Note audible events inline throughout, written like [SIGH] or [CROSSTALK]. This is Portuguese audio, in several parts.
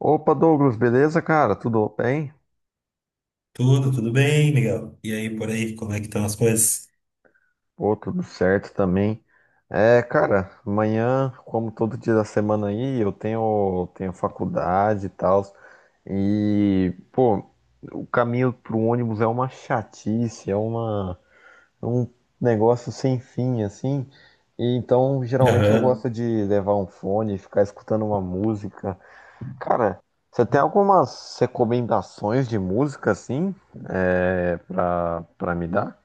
Opa, Douglas, beleza, cara? Tudo bem? Tudo, tudo bem, Miguel? E aí, por aí, como é que estão as coisas? Pô, tudo certo também. Cara, amanhã, como todo dia da semana aí, eu tenho faculdade e tal. E, pô, o caminho pro ônibus é uma chatice, é um negócio sem fim, assim. E então, geralmente eu Aham. gosto de levar um fone, ficar escutando uma música. Cara, você tem algumas recomendações de música assim, pra me dar?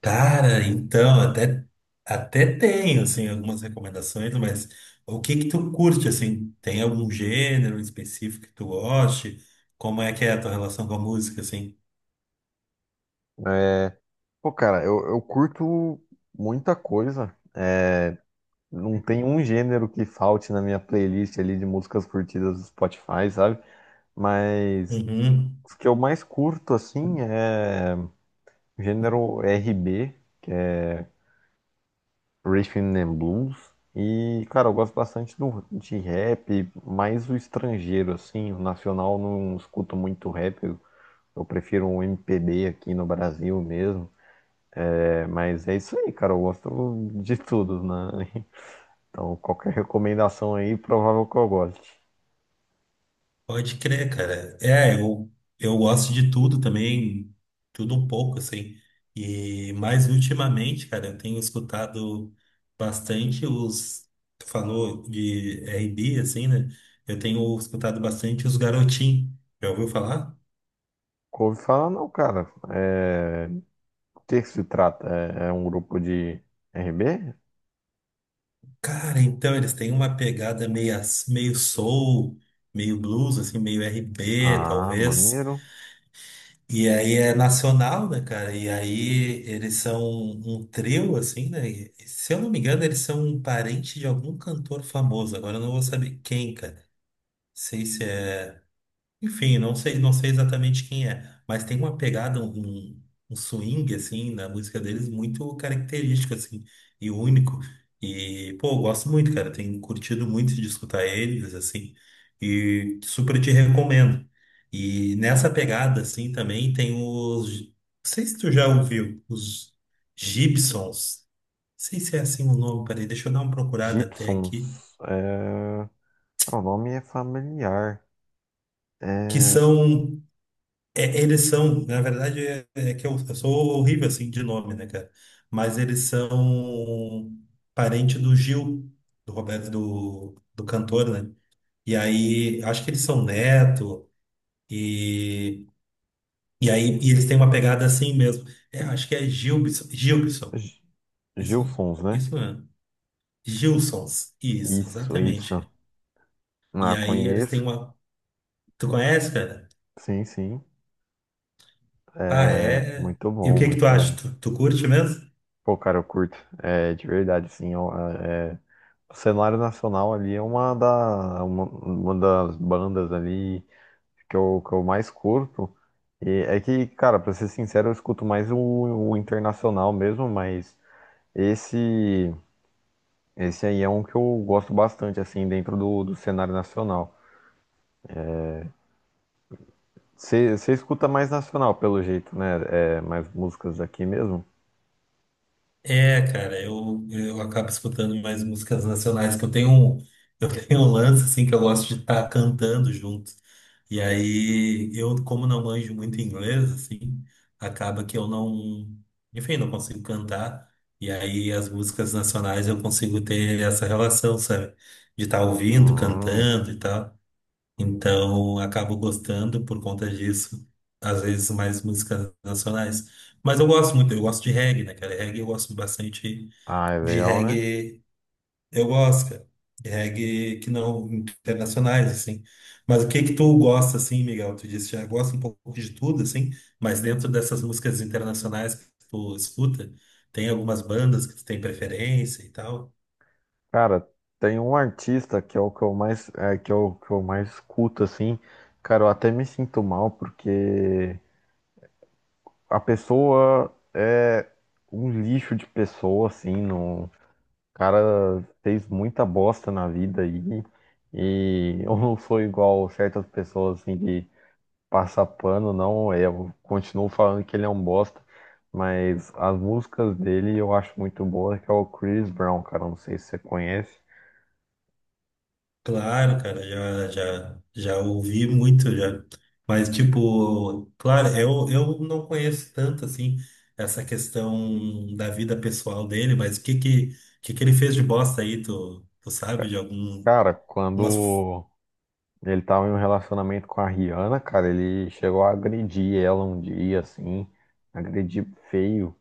Cara, então, até tenho, assim, algumas recomendações, mas o que que tu curte, assim? Tem algum gênero específico que tu goste? Como é que é a tua relação com a música, assim? Pô, cara, eu curto muita coisa. Não tem um gênero que falte na minha playlist ali de músicas curtidas do Spotify, sabe? Mas Uhum. os que eu mais curto assim é gênero RB, que é Rhythm and Blues. E, cara, eu gosto bastante de rap, mais o estrangeiro, assim, o nacional eu não escuto muito rap. Eu prefiro um MPB aqui no Brasil mesmo. É, mas é isso aí, cara. Eu gosto de tudo, né? [LAUGHS] Então, qualquer recomendação aí, provável que eu goste. Pode crer, cara. É, eu gosto de tudo também, tudo um pouco, assim. E mais ultimamente, cara, eu tenho escutado bastante os. Tu falou de R&B, assim, né? Eu tenho escutado bastante os Garotim. Já ouviu falar? Couve fala, não, cara. É... O que que se trata? É um grupo de RB? Cara, então eles têm uma pegada meio, meio soul, meio blues, assim, meio R&B, Ah, talvez. maneiro. E aí é nacional, né, cara? E aí eles são um trio, assim, né? E, se eu não me engano, eles são um parente de algum cantor famoso. Agora eu não vou saber quem, cara. Não sei se é. Enfim, não sei exatamente quem é, mas tem uma pegada, um swing, assim, na música deles muito característico, assim, e único. E, pô, eu gosto muito, cara. Tenho curtido muito de escutar eles, assim, e super te recomendo. E nessa pegada, assim, também tem os. Não sei se tu já ouviu, os Gibsons. Não sei se é assim o nome, peraí, deixa eu dar uma procurada até aqui. Gibsons. É... cara, o nome é familiar. Que É... são É, eles são, na verdade, é que eu sou horrível assim de nome, né, cara? Mas eles são parente do Gil, do Roberto, do cantor, né? E aí, acho que eles são neto, e, e aí, eles têm uma pegada assim mesmo. É, acho que é Gilbson, Gilbson, G- isso, Gilsons, né? isso mesmo. Gilsons, isso, Isso, exatamente, isso. cara. Ah, E aí eles têm conheço. uma. Tu conhece, cara? Sim, sim. Ah, É, é. muito E o bom, que que tu muito acha? bom. Tu curte mesmo? Pô, cara, eu curto. É, de verdade, sim. Ó, o cenário nacional ali é uma das bandas ali que eu mais curto. E é que, cara, pra ser sincero, eu escuto mais o internacional mesmo, mas esse, esse aí é um que eu gosto bastante, assim, dentro do cenário nacional. Você escuta mais nacional, pelo jeito, né? É, mais músicas daqui mesmo? É, cara, eu acabo escutando mais músicas nacionais, que eu tenho [LAUGHS] eu tenho um lance, assim, que eu gosto de estar cantando junto. E aí, eu, como não manjo muito inglês, assim, acaba que eu não, enfim, não consigo cantar. E aí, as músicas nacionais eu consigo ter essa relação, sabe? De estar ouvindo, Hum. cantando e tal. Então, acabo gostando por conta disso, às vezes mais músicas nacionais. Mas eu gosto muito, eu gosto de reggae, né, cara? Reggae eu gosto bastante Ah, é de legal, né? reggae, eu gosto, cara. De reggae que não internacionais, assim. Mas o que que tu gosta, assim, Miguel? Tu disse que já gosta um pouco de tudo, assim, mas dentro dessas músicas internacionais que tu escuta, tem algumas bandas que tu tem preferência e tal? Cara, tem um artista que é o que eu mais, é, que é o que eu mais escuto, assim. Cara, eu até me sinto mal porque a pessoa é um lixo de pessoa, assim. Não... O cara fez muita bosta na vida aí. E [LAUGHS] eu não sou igual certas pessoas, assim, que passa pano, não. Eu continuo falando que ele é um bosta. Mas as músicas dele eu acho muito boa, que é o Chris Brown, cara. Não sei se você conhece. Claro, cara, já ouvi muito já. Mas, tipo, claro, eu não conheço tanto, assim, essa questão da vida pessoal dele, mas o que que ele fez de bosta aí, tu sabe, de algum... Cara, Umas... quando ele tava em um relacionamento com a Rihanna, cara, ele chegou a agredir ela um dia, assim, agredir feio.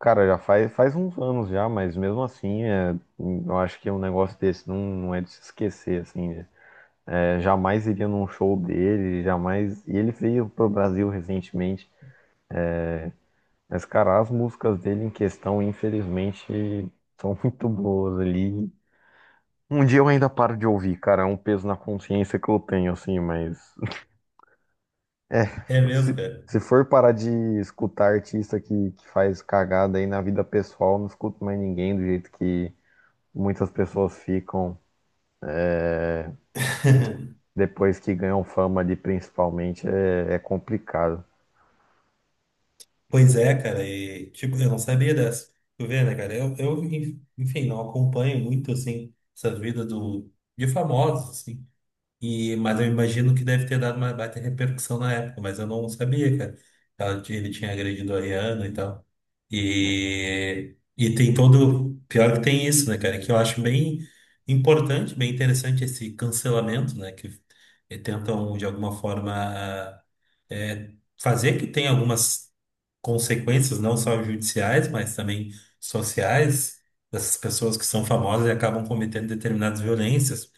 Cara, faz uns anos já, mas mesmo assim, é, eu acho que um negócio desse não é de se esquecer, assim, né? É, jamais iria num show dele, jamais. E ele veio pro Brasil recentemente, mas, cara, as músicas dele em questão, infelizmente, são [LAUGHS] muito boas ali. Um dia eu ainda paro de ouvir, cara, é um peso na consciência que eu tenho, assim, mas. É, É mesmo, se, cara. se for parar de escutar artista que faz cagada aí na vida pessoal, não escuto mais ninguém, do jeito que muitas pessoas ficam [LAUGHS] depois que ganham fama ali, principalmente, é complicado. Pois é, cara, e, tipo, eu não sabia dessa. Tu vê, né, cara, enfim, não acompanho muito, assim, essa vida de famosos, assim. E, mas eu imagino que deve ter dado uma baita repercussão na época, mas eu não sabia, cara. Ele tinha agredido a Rihanna e tal. E tem todo. Pior que tem isso, né, cara? É que eu acho bem importante, bem interessante esse cancelamento, né? Que tentam, de alguma forma, eh, fazer que tenha algumas consequências, não só judiciais, mas também sociais, dessas pessoas que são famosas e acabam cometendo determinadas violências,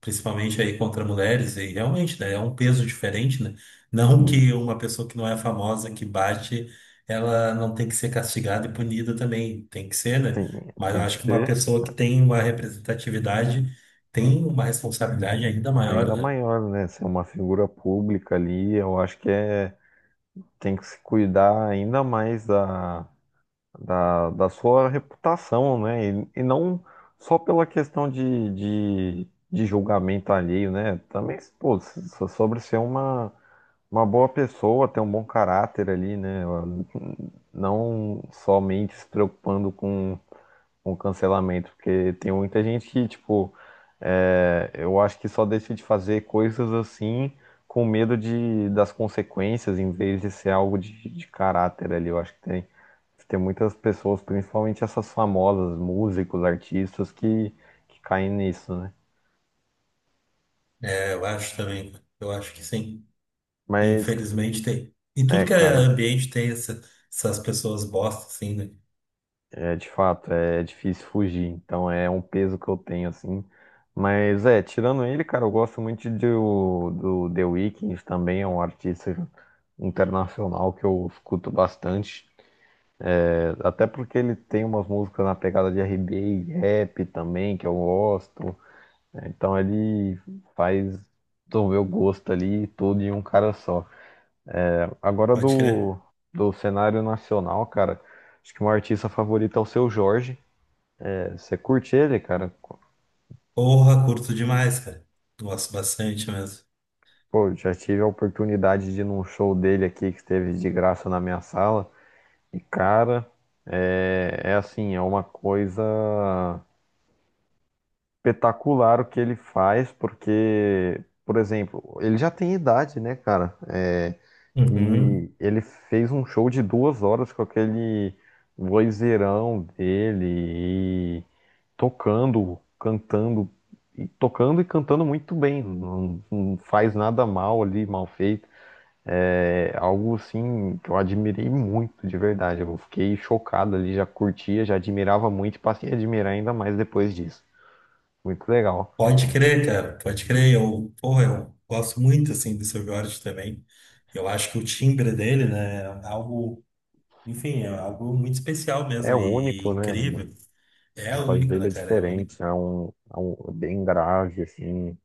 principalmente aí contra mulheres. E realmente, né? É um peso diferente, né? Não Sim, que uma pessoa que não é famosa, que bate ela não tem que ser castigada e punida também, tem que ser, tem, né? Mas eu tem que acho que uma ser pessoa que tem uma representatividade tem uma responsabilidade ainda maior, ainda né? maior, né? Ser uma figura pública ali, eu acho que é, tem que se cuidar ainda mais da sua reputação, né? E não só pela questão de julgamento alheio, né? Também, pô, sobre ser uma boa pessoa, ter um bom caráter ali, né? Não somente se preocupando com cancelamento, porque tem muita gente que, tipo, é, eu acho que só deixa de fazer coisas assim. Com medo de, das consequências, em vez de ser algo de caráter ali. Eu acho que tem muitas pessoas, principalmente essas famosas, músicos, artistas, que caem nisso, né? É, eu acho também, eu acho que sim. Mas, Infelizmente tem. Em tudo é, que é cara, ambiente tem essas pessoas bosta, assim, né? é de fato, é difícil fugir. Então é um peso que eu tenho, assim. Mas é, tirando ele, cara, eu gosto muito do The Weeknd também, é um artista internacional que eu escuto bastante. É, até porque ele tem umas músicas na pegada de RB e rap também, que eu gosto, né? Então ele faz desenvolver o gosto ali e tudo em um cara só, cara. Agora Pode crer. do cenário nacional, cara, acho que o meu artista favorito é o Seu Jorge. É, você curte ele, cara? Porra, curto demais, cara. Gosto bastante mesmo. Pô, já tive a oportunidade de ir num show dele aqui que esteve de graça na minha sala. E, cara, é assim, é uma coisa espetacular o que ele faz, porque, por exemplo, ele já tem idade, né, cara? É, e Uhum. ele fez um show de 2 horas com aquele vozeirão dele e tocando, cantando, e tocando e cantando muito bem. Não, não faz nada mal ali, mal feito. É algo assim que eu admirei muito, de verdade. Eu fiquei chocado ali, já curtia, já admirava muito e passei a admirar ainda mais depois disso. Muito legal. Pode crer, cara, pode crer. Eu, porra, eu gosto muito, assim, do Seu Jorge também. Eu acho que o timbre dele, né, é algo enfim, é algo muito especial É mesmo e único, né? incrível. É O país único, dele né, é cara? É único. diferente, é um- é bem grave, assim,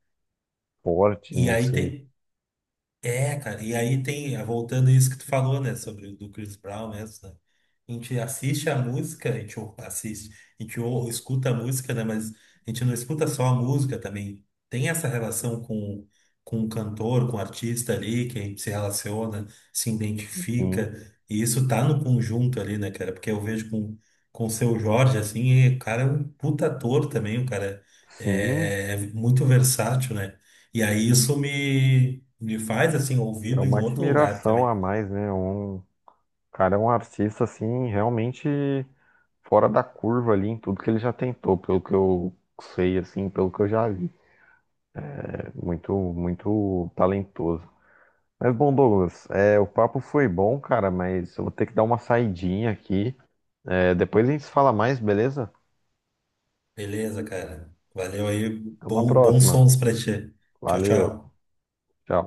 porte, E não aí sei. tem, É, cara, voltando a isso que tu falou, né, sobre o do Chris Brown mesmo, né? A gente assiste a música, a gente assiste, a gente escuta a música, né, mas a gente não escuta só a música também. Tem essa relação com o cantor, com o artista ali, que a gente se relaciona, se Sim, identifica, e isso tá no conjunto ali, né, cara? Porque eu vejo com o Seu Jorge, assim, e o cara é um puta ator também, o cara é muito versátil, né? E aí isso me faz, assim, é ouvido em uma outro lugar admiração também. a mais, né? É um, o cara é um artista assim realmente fora da curva ali em tudo que ele já tentou, pelo que eu sei assim, pelo que eu já vi. É muito, muito talentoso. Mas bom, Douglas, é, o papo foi bom, cara, mas eu vou ter que dar uma saidinha aqui. É, depois a gente se fala mais, beleza? Beleza, cara. Valeu aí. Até uma Bom, bons próxima. sons pra ti. Tchau, Valeu. tchau. Tchau.